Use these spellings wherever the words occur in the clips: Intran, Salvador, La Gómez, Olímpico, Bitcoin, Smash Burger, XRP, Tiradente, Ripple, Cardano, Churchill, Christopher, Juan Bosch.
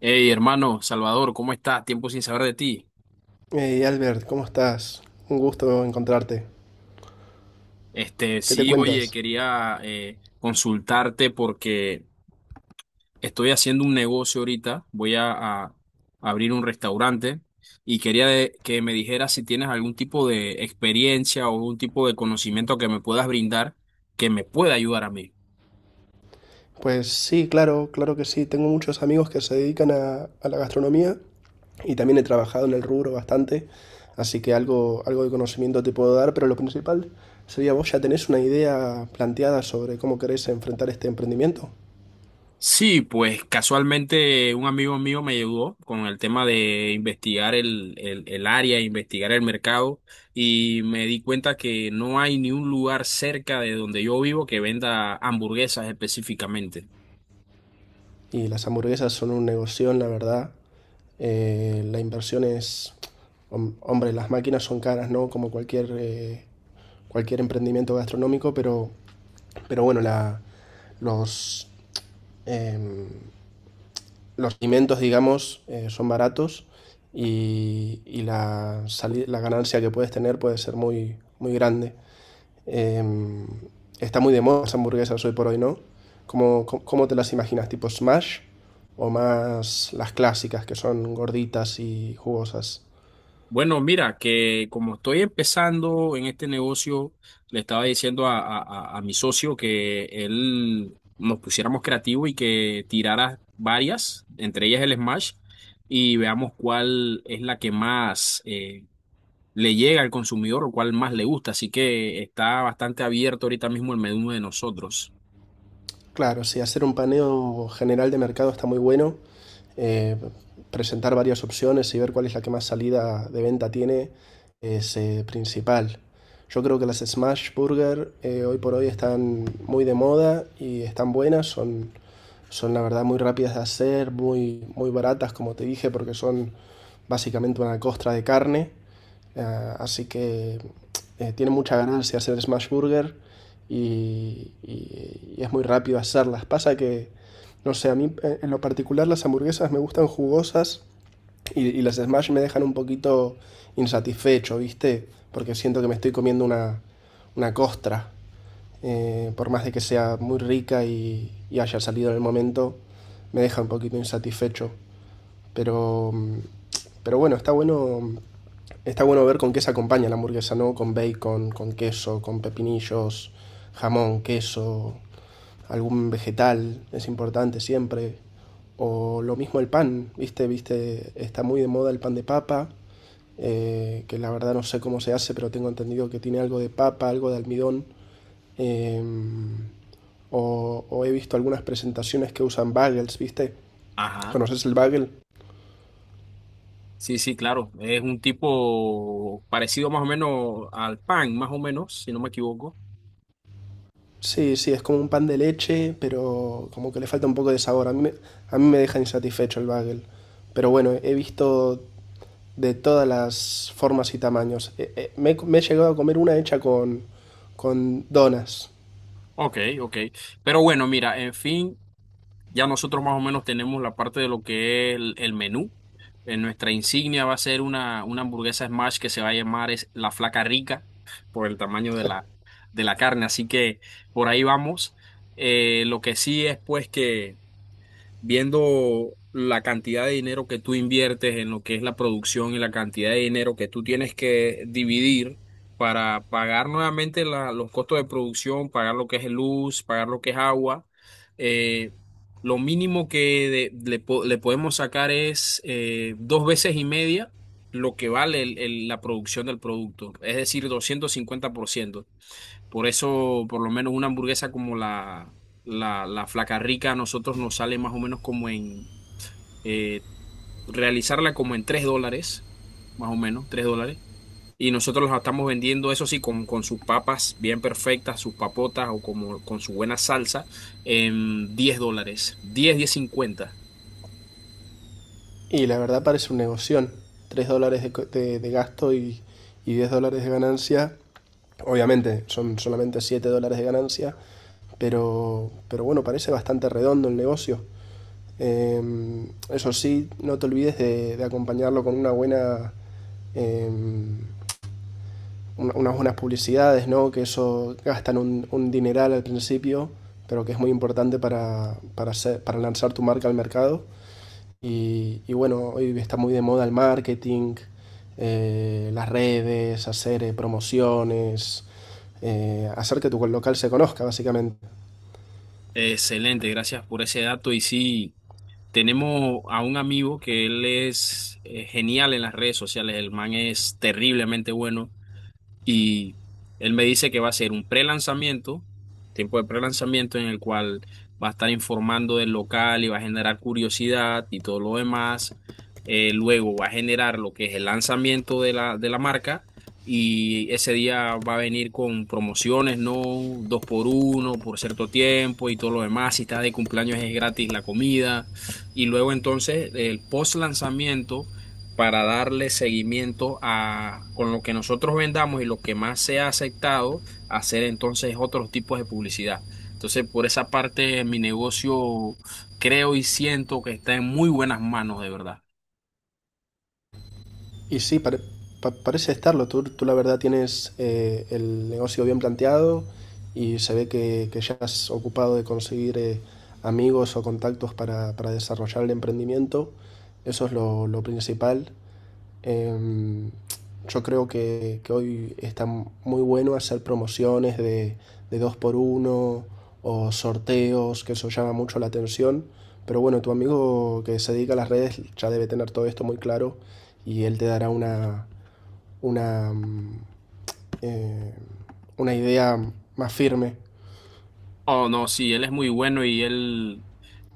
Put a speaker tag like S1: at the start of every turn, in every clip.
S1: Hey, hermano, Salvador, ¿cómo estás? Tiempo sin saber de ti.
S2: Hey Albert, ¿cómo estás? Un gusto encontrarte.
S1: Este,
S2: ¿Qué te
S1: sí, oye,
S2: cuentas?
S1: quería consultarte porque estoy haciendo un negocio ahorita. Voy a, a abrir un restaurante y quería que me dijeras si tienes algún tipo de experiencia o algún tipo de conocimiento que me puedas brindar que me pueda ayudar a mí.
S2: Pues sí, claro, claro que sí. Tengo muchos amigos que se dedican a la gastronomía y también he trabajado en el rubro bastante, así que algo de conocimiento te puedo dar, pero lo principal sería vos ya tenés una idea planteada sobre cómo querés enfrentar este emprendimiento.
S1: Sí, pues casualmente un amigo mío me ayudó con el tema de investigar el área, investigar el mercado y me di cuenta que no hay ni un lugar cerca de donde yo vivo que venda hamburguesas específicamente.
S2: Y las hamburguesas son un negocio, la verdad. La inversión es, hombre, las máquinas son caras, ¿no? Como cualquier, cualquier emprendimiento gastronómico, pero bueno, los, em, los alimentos, digamos, son baratos y la ganancia que puedes tener puede ser muy, muy grande. Eh, Está muy de moda las hamburguesas hoy por hoy, ¿no? Cómo te las imaginas? ¿Tipo smash o más las clásicas que son gorditas y jugosas?
S1: Bueno, mira, que como estoy empezando en este negocio, le estaba diciendo a mi socio que él nos pusiéramos creativos y que tirara varias, entre ellas el Smash y veamos cuál es la que más le llega al consumidor o cuál más le gusta. Así que está bastante abierto ahorita mismo el menú de nosotros.
S2: Claro, sí, hacer un paneo general de mercado está muy bueno. eh, Presentar varias opciones y ver cuál es la que más salida de venta tiene es principal. Yo creo que las Smash Burger hoy por hoy están muy de moda y están buenas, son la verdad muy rápidas de hacer, muy, muy baratas, como te dije, porque son básicamente una costra de carne. Así que tiene mucha ganancia hacer smash burger y, y es muy rápido hacerlas. Pasa que no sé, a mí en lo particular las hamburguesas me gustan jugosas y las smash me dejan un poquito insatisfecho, ¿viste? Porque siento que me estoy comiendo una costra por más de que sea muy rica y, haya salido en el momento, me deja un poquito insatisfecho. Pero, mm, pero bueno, está bueno ver con qué se acompaña la hamburguesa, ¿no? Con bacon, con queso, con pepinillos, jamón, queso, algún vegetal, es importante siempre. O lo mismo el pan, ¿viste? ¿Viste? Está muy de moda el pan de papa, que la verdad no sé cómo se hace, pero tengo entendido que tiene algo de papa, algo de almidón. Em, o he visto algunas presentaciones que usan bagels, ¿viste?
S1: Ajá.
S2: ¿Conoces el bagel?
S1: Sí, sí, claro. Es un tipo parecido más o menos al pan, más o menos, si no me equivoco.
S2: Sí, sí, es como un pan de leche, pero como que le falta un poco de sabor. A mí me deja insatisfecho el bagel. Pero bueno, he visto de todas las formas y tamaños. Me he llegado a comer una hecha con donas.
S1: Ok, ok. Pero bueno, mira, en fin, ya nosotros más o menos tenemos la parte de lo que es el menú. En nuestra insignia va a ser una hamburguesa smash que se va a llamar es la Flaca Rica por el tamaño de de la carne. Así que por ahí vamos. Lo que sí es pues que viendo la cantidad de dinero que tú inviertes en lo que es la producción y la cantidad de dinero que tú tienes que dividir para pagar nuevamente los costos de producción, pagar lo que es luz, pagar lo que es agua. eh, lo mínimo que le podemos sacar es dos veces y media lo que vale la producción del producto, es decir, 250%. Por eso, por lo menos una hamburguesa como la Flaca Rica a nosotros nos sale más o menos como en eh, realizarla como en $3, más o menos, $3. Y nosotros la estamos vendiendo, eso sí, con sus papas bien perfectas, sus papotas o como con su buena salsa, en 10 dólares, diez, 10.50.
S2: Y la verdad parece un negocio. Tres dólares de gasto y 10 dólares de ganancia. Obviamente son solamente 7 dólares de ganancia, pero bueno, parece bastante redondo el negocio. Eh, Eso sí, no te olvides de acompañarlo con una buena, eh, unas buenas publicidades, ¿no? Que eso gastan un dineral al principio, pero que es muy importante para lanzar tu marca al mercado. Y bueno, hoy está muy de moda el marketing, las redes, hacer promociones, hacer que tu local se conozca, básicamente.
S1: Excelente, gracias por ese dato. Y sí, tenemos a un amigo que él es genial en las redes sociales, el man es terriblemente bueno. Y él me dice que va a ser un pre-lanzamiento, tiempo de pre-lanzamiento en el cual va a estar informando del local y va a generar curiosidad y todo lo demás. Luego va a generar lo que es el lanzamiento de de la marca y ese día va a venir con promociones, ¿no? Dos por uno por cierto tiempo y todo lo demás. Si estás de cumpleaños es gratis la comida. Y luego entonces el post-lanzamiento para darle seguimiento a con lo que nosotros vendamos y lo que más se ha aceptado, hacer entonces otros tipos de publicidad. Entonces, por esa parte, mi negocio creo y siento que está en muy buenas manos, de verdad.
S2: Y sí, parece estarlo. Tú, la verdad tienes el negocio bien planteado y se ve que ya has ocupado de conseguir amigos o contactos para desarrollar el emprendimiento. Eso es lo principal. Em, yo creo que hoy está muy bueno hacer promociones de dos por uno o sorteos, que eso llama mucho la atención. Pero bueno, tu amigo que se dedica a las redes ya debe tener todo esto muy claro y él te dará una, mm, eh, una idea más firme.
S1: Oh, no, sí, él es muy bueno y él,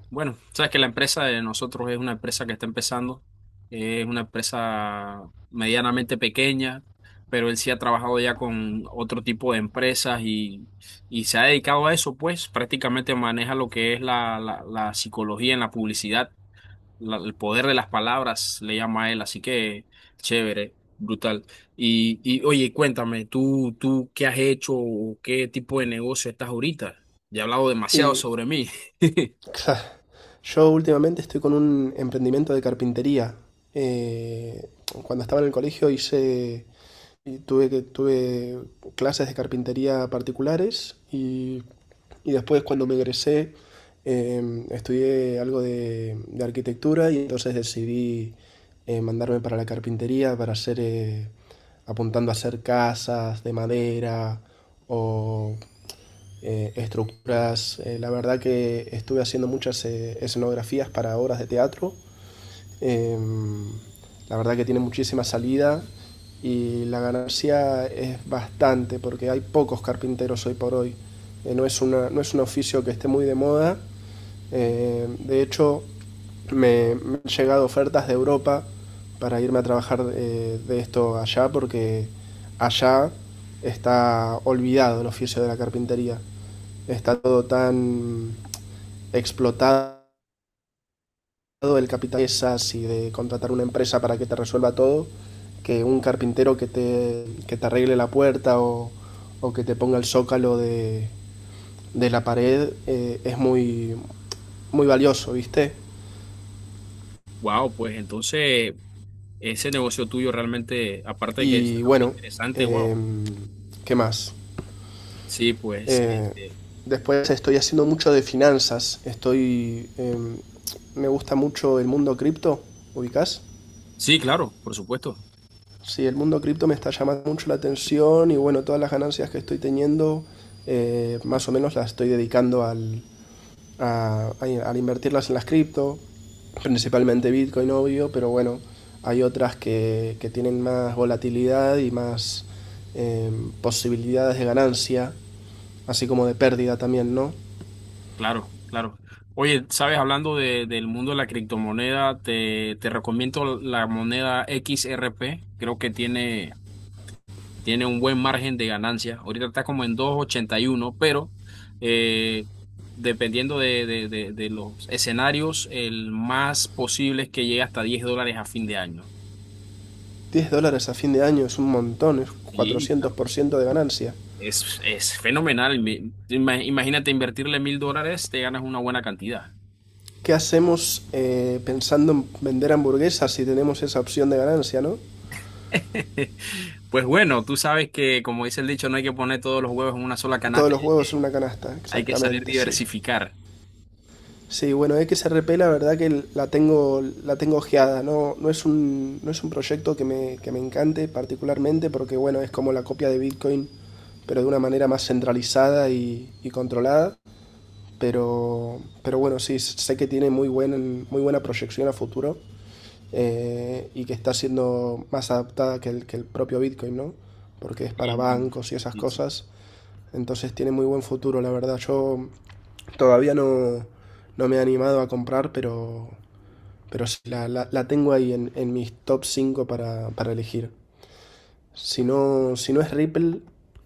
S1: bueno, sabes que la empresa de nosotros es una empresa que está empezando, es una empresa medianamente pequeña, pero él sí ha trabajado ya con otro tipo de empresas y se ha dedicado a eso, pues prácticamente maneja lo que es la psicología en la publicidad, el poder de las palabras, le llama a él, así que chévere, brutal. Y oye, cuéntame, ¿tú, qué has hecho o qué tipo de negocio estás ahorita? Ya he hablado demasiado
S2: Y
S1: sobre mí.
S2: yo últimamente estoy con un emprendimiento de carpintería. Eh, Cuando estaba en el colegio hice Y tuve, que- tuve clases de carpintería particulares y después cuando me egresé estudié algo de arquitectura y entonces decidí mandarme para la carpintería para hacer, apuntando a hacer casas de madera o estructuras. La verdad que estuve haciendo muchas escenografías para obras de teatro. eh, la verdad que tiene muchísima salida y la ganancia es bastante porque hay pocos carpinteros hoy por hoy. No, es no es un oficio que esté muy de moda. De hecho, han llegado ofertas de Europa para irme a trabajar de esto allá porque allá está olvidado el oficio de la carpintería. Está todo tan explotado, el capital es así de contratar una empresa para que te resuelva todo, que un carpintero que te arregle la puerta o que te ponga el zócalo de la pared es muy, muy valioso, ¿viste?
S1: Wow, pues entonces ese negocio tuyo realmente, aparte de que es
S2: Y
S1: algo muy
S2: bueno,
S1: interesante, wow.
S2: eh, ¿qué más?
S1: Sí, pues,
S2: Eh,
S1: este,
S2: Después estoy haciendo mucho de finanzas, estoy... me gusta mucho el mundo cripto, ¿ubicás?
S1: sí, claro, por supuesto,
S2: Sí, el mundo cripto me está llamando mucho la atención y bueno, todas las ganancias que estoy teniendo, más o menos las estoy dedicando al invertirlas en las cripto, principalmente Bitcoin, obvio, pero bueno, hay otras que tienen más volatilidad y más eh, posibilidades de ganancia, así como de pérdida también, ¿no?
S1: claro, claro. Oye, sabes, hablando del mundo de la criptomoneda, te, recomiendo la moneda XRP. Creo que tiene, tiene un buen margen de ganancia. Ahorita está como en dos ochenta y uno, pero eh, dependiendo de los escenarios, el más posible es que llegue hasta $10 a fin de año.
S2: Diez dólares a fin de año es un montón, es
S1: Sí,
S2: cuatrocientos
S1: claro que
S2: por
S1: sí.
S2: ciento de ganancia.
S1: Es fenomenal. Imagínate invertirle $1000, te ganas una buena cantidad.
S2: ¿Qué hacemos pensando en vender hamburguesas si tenemos esa opción de ganancia, no?
S1: Pues bueno, tú sabes que, como dice el dicho, no hay que poner todos los huevos en una sola
S2: Todos
S1: canasta,
S2: los huevos en una canasta,
S1: hay que saber
S2: exactamente, sí.
S1: diversificar.
S2: Sí, bueno, XRP la verdad que la tengo ojeada, no, no, es no es un proyecto que que me encante particularmente porque bueno, es como la copia de Bitcoin, pero de una manera más centralizada y controlada. Pero bueno, sí, sé que tiene muy buena proyección a futuro y que está siendo más adaptada que el propio Bitcoin, ¿no? Porque es para
S1: Y,
S2: bancos y esas
S1: y sí.
S2: cosas. Entonces tiene muy buen futuro, la verdad. Yo todavía no, No me he animado a comprar, pero sí, la tengo ahí en mis top 5 para elegir. Si no, si no es Ripple,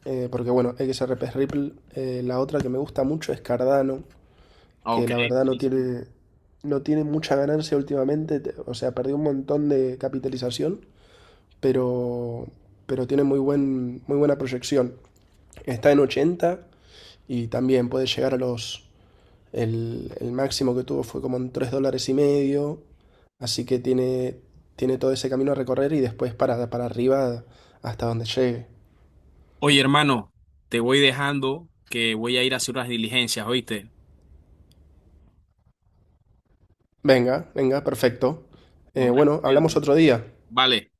S2: porque bueno, XRP es Ripple, la otra que me gusta mucho es Cardano, que
S1: Ok,
S2: la verdad
S1: buenísimo.
S2: no tiene mucha ganancia últimamente, o sea, perdió un montón de capitalización, pero, pero tiene muy buena proyección. Está en 80 y también puede llegar a los... el máximo que tuvo fue como en 3 dólares y medio, así que tiene todo ese camino a recorrer y después para arriba hasta donde llegue.
S1: Oye, hermano, te voy dejando que voy a ir a hacer unas diligencias, ¿oíste?
S2: Venga, venga, perfecto.
S1: Nos vemos,
S2: Bueno, hablamos
S1: cuídate.
S2: otro día.
S1: Vale.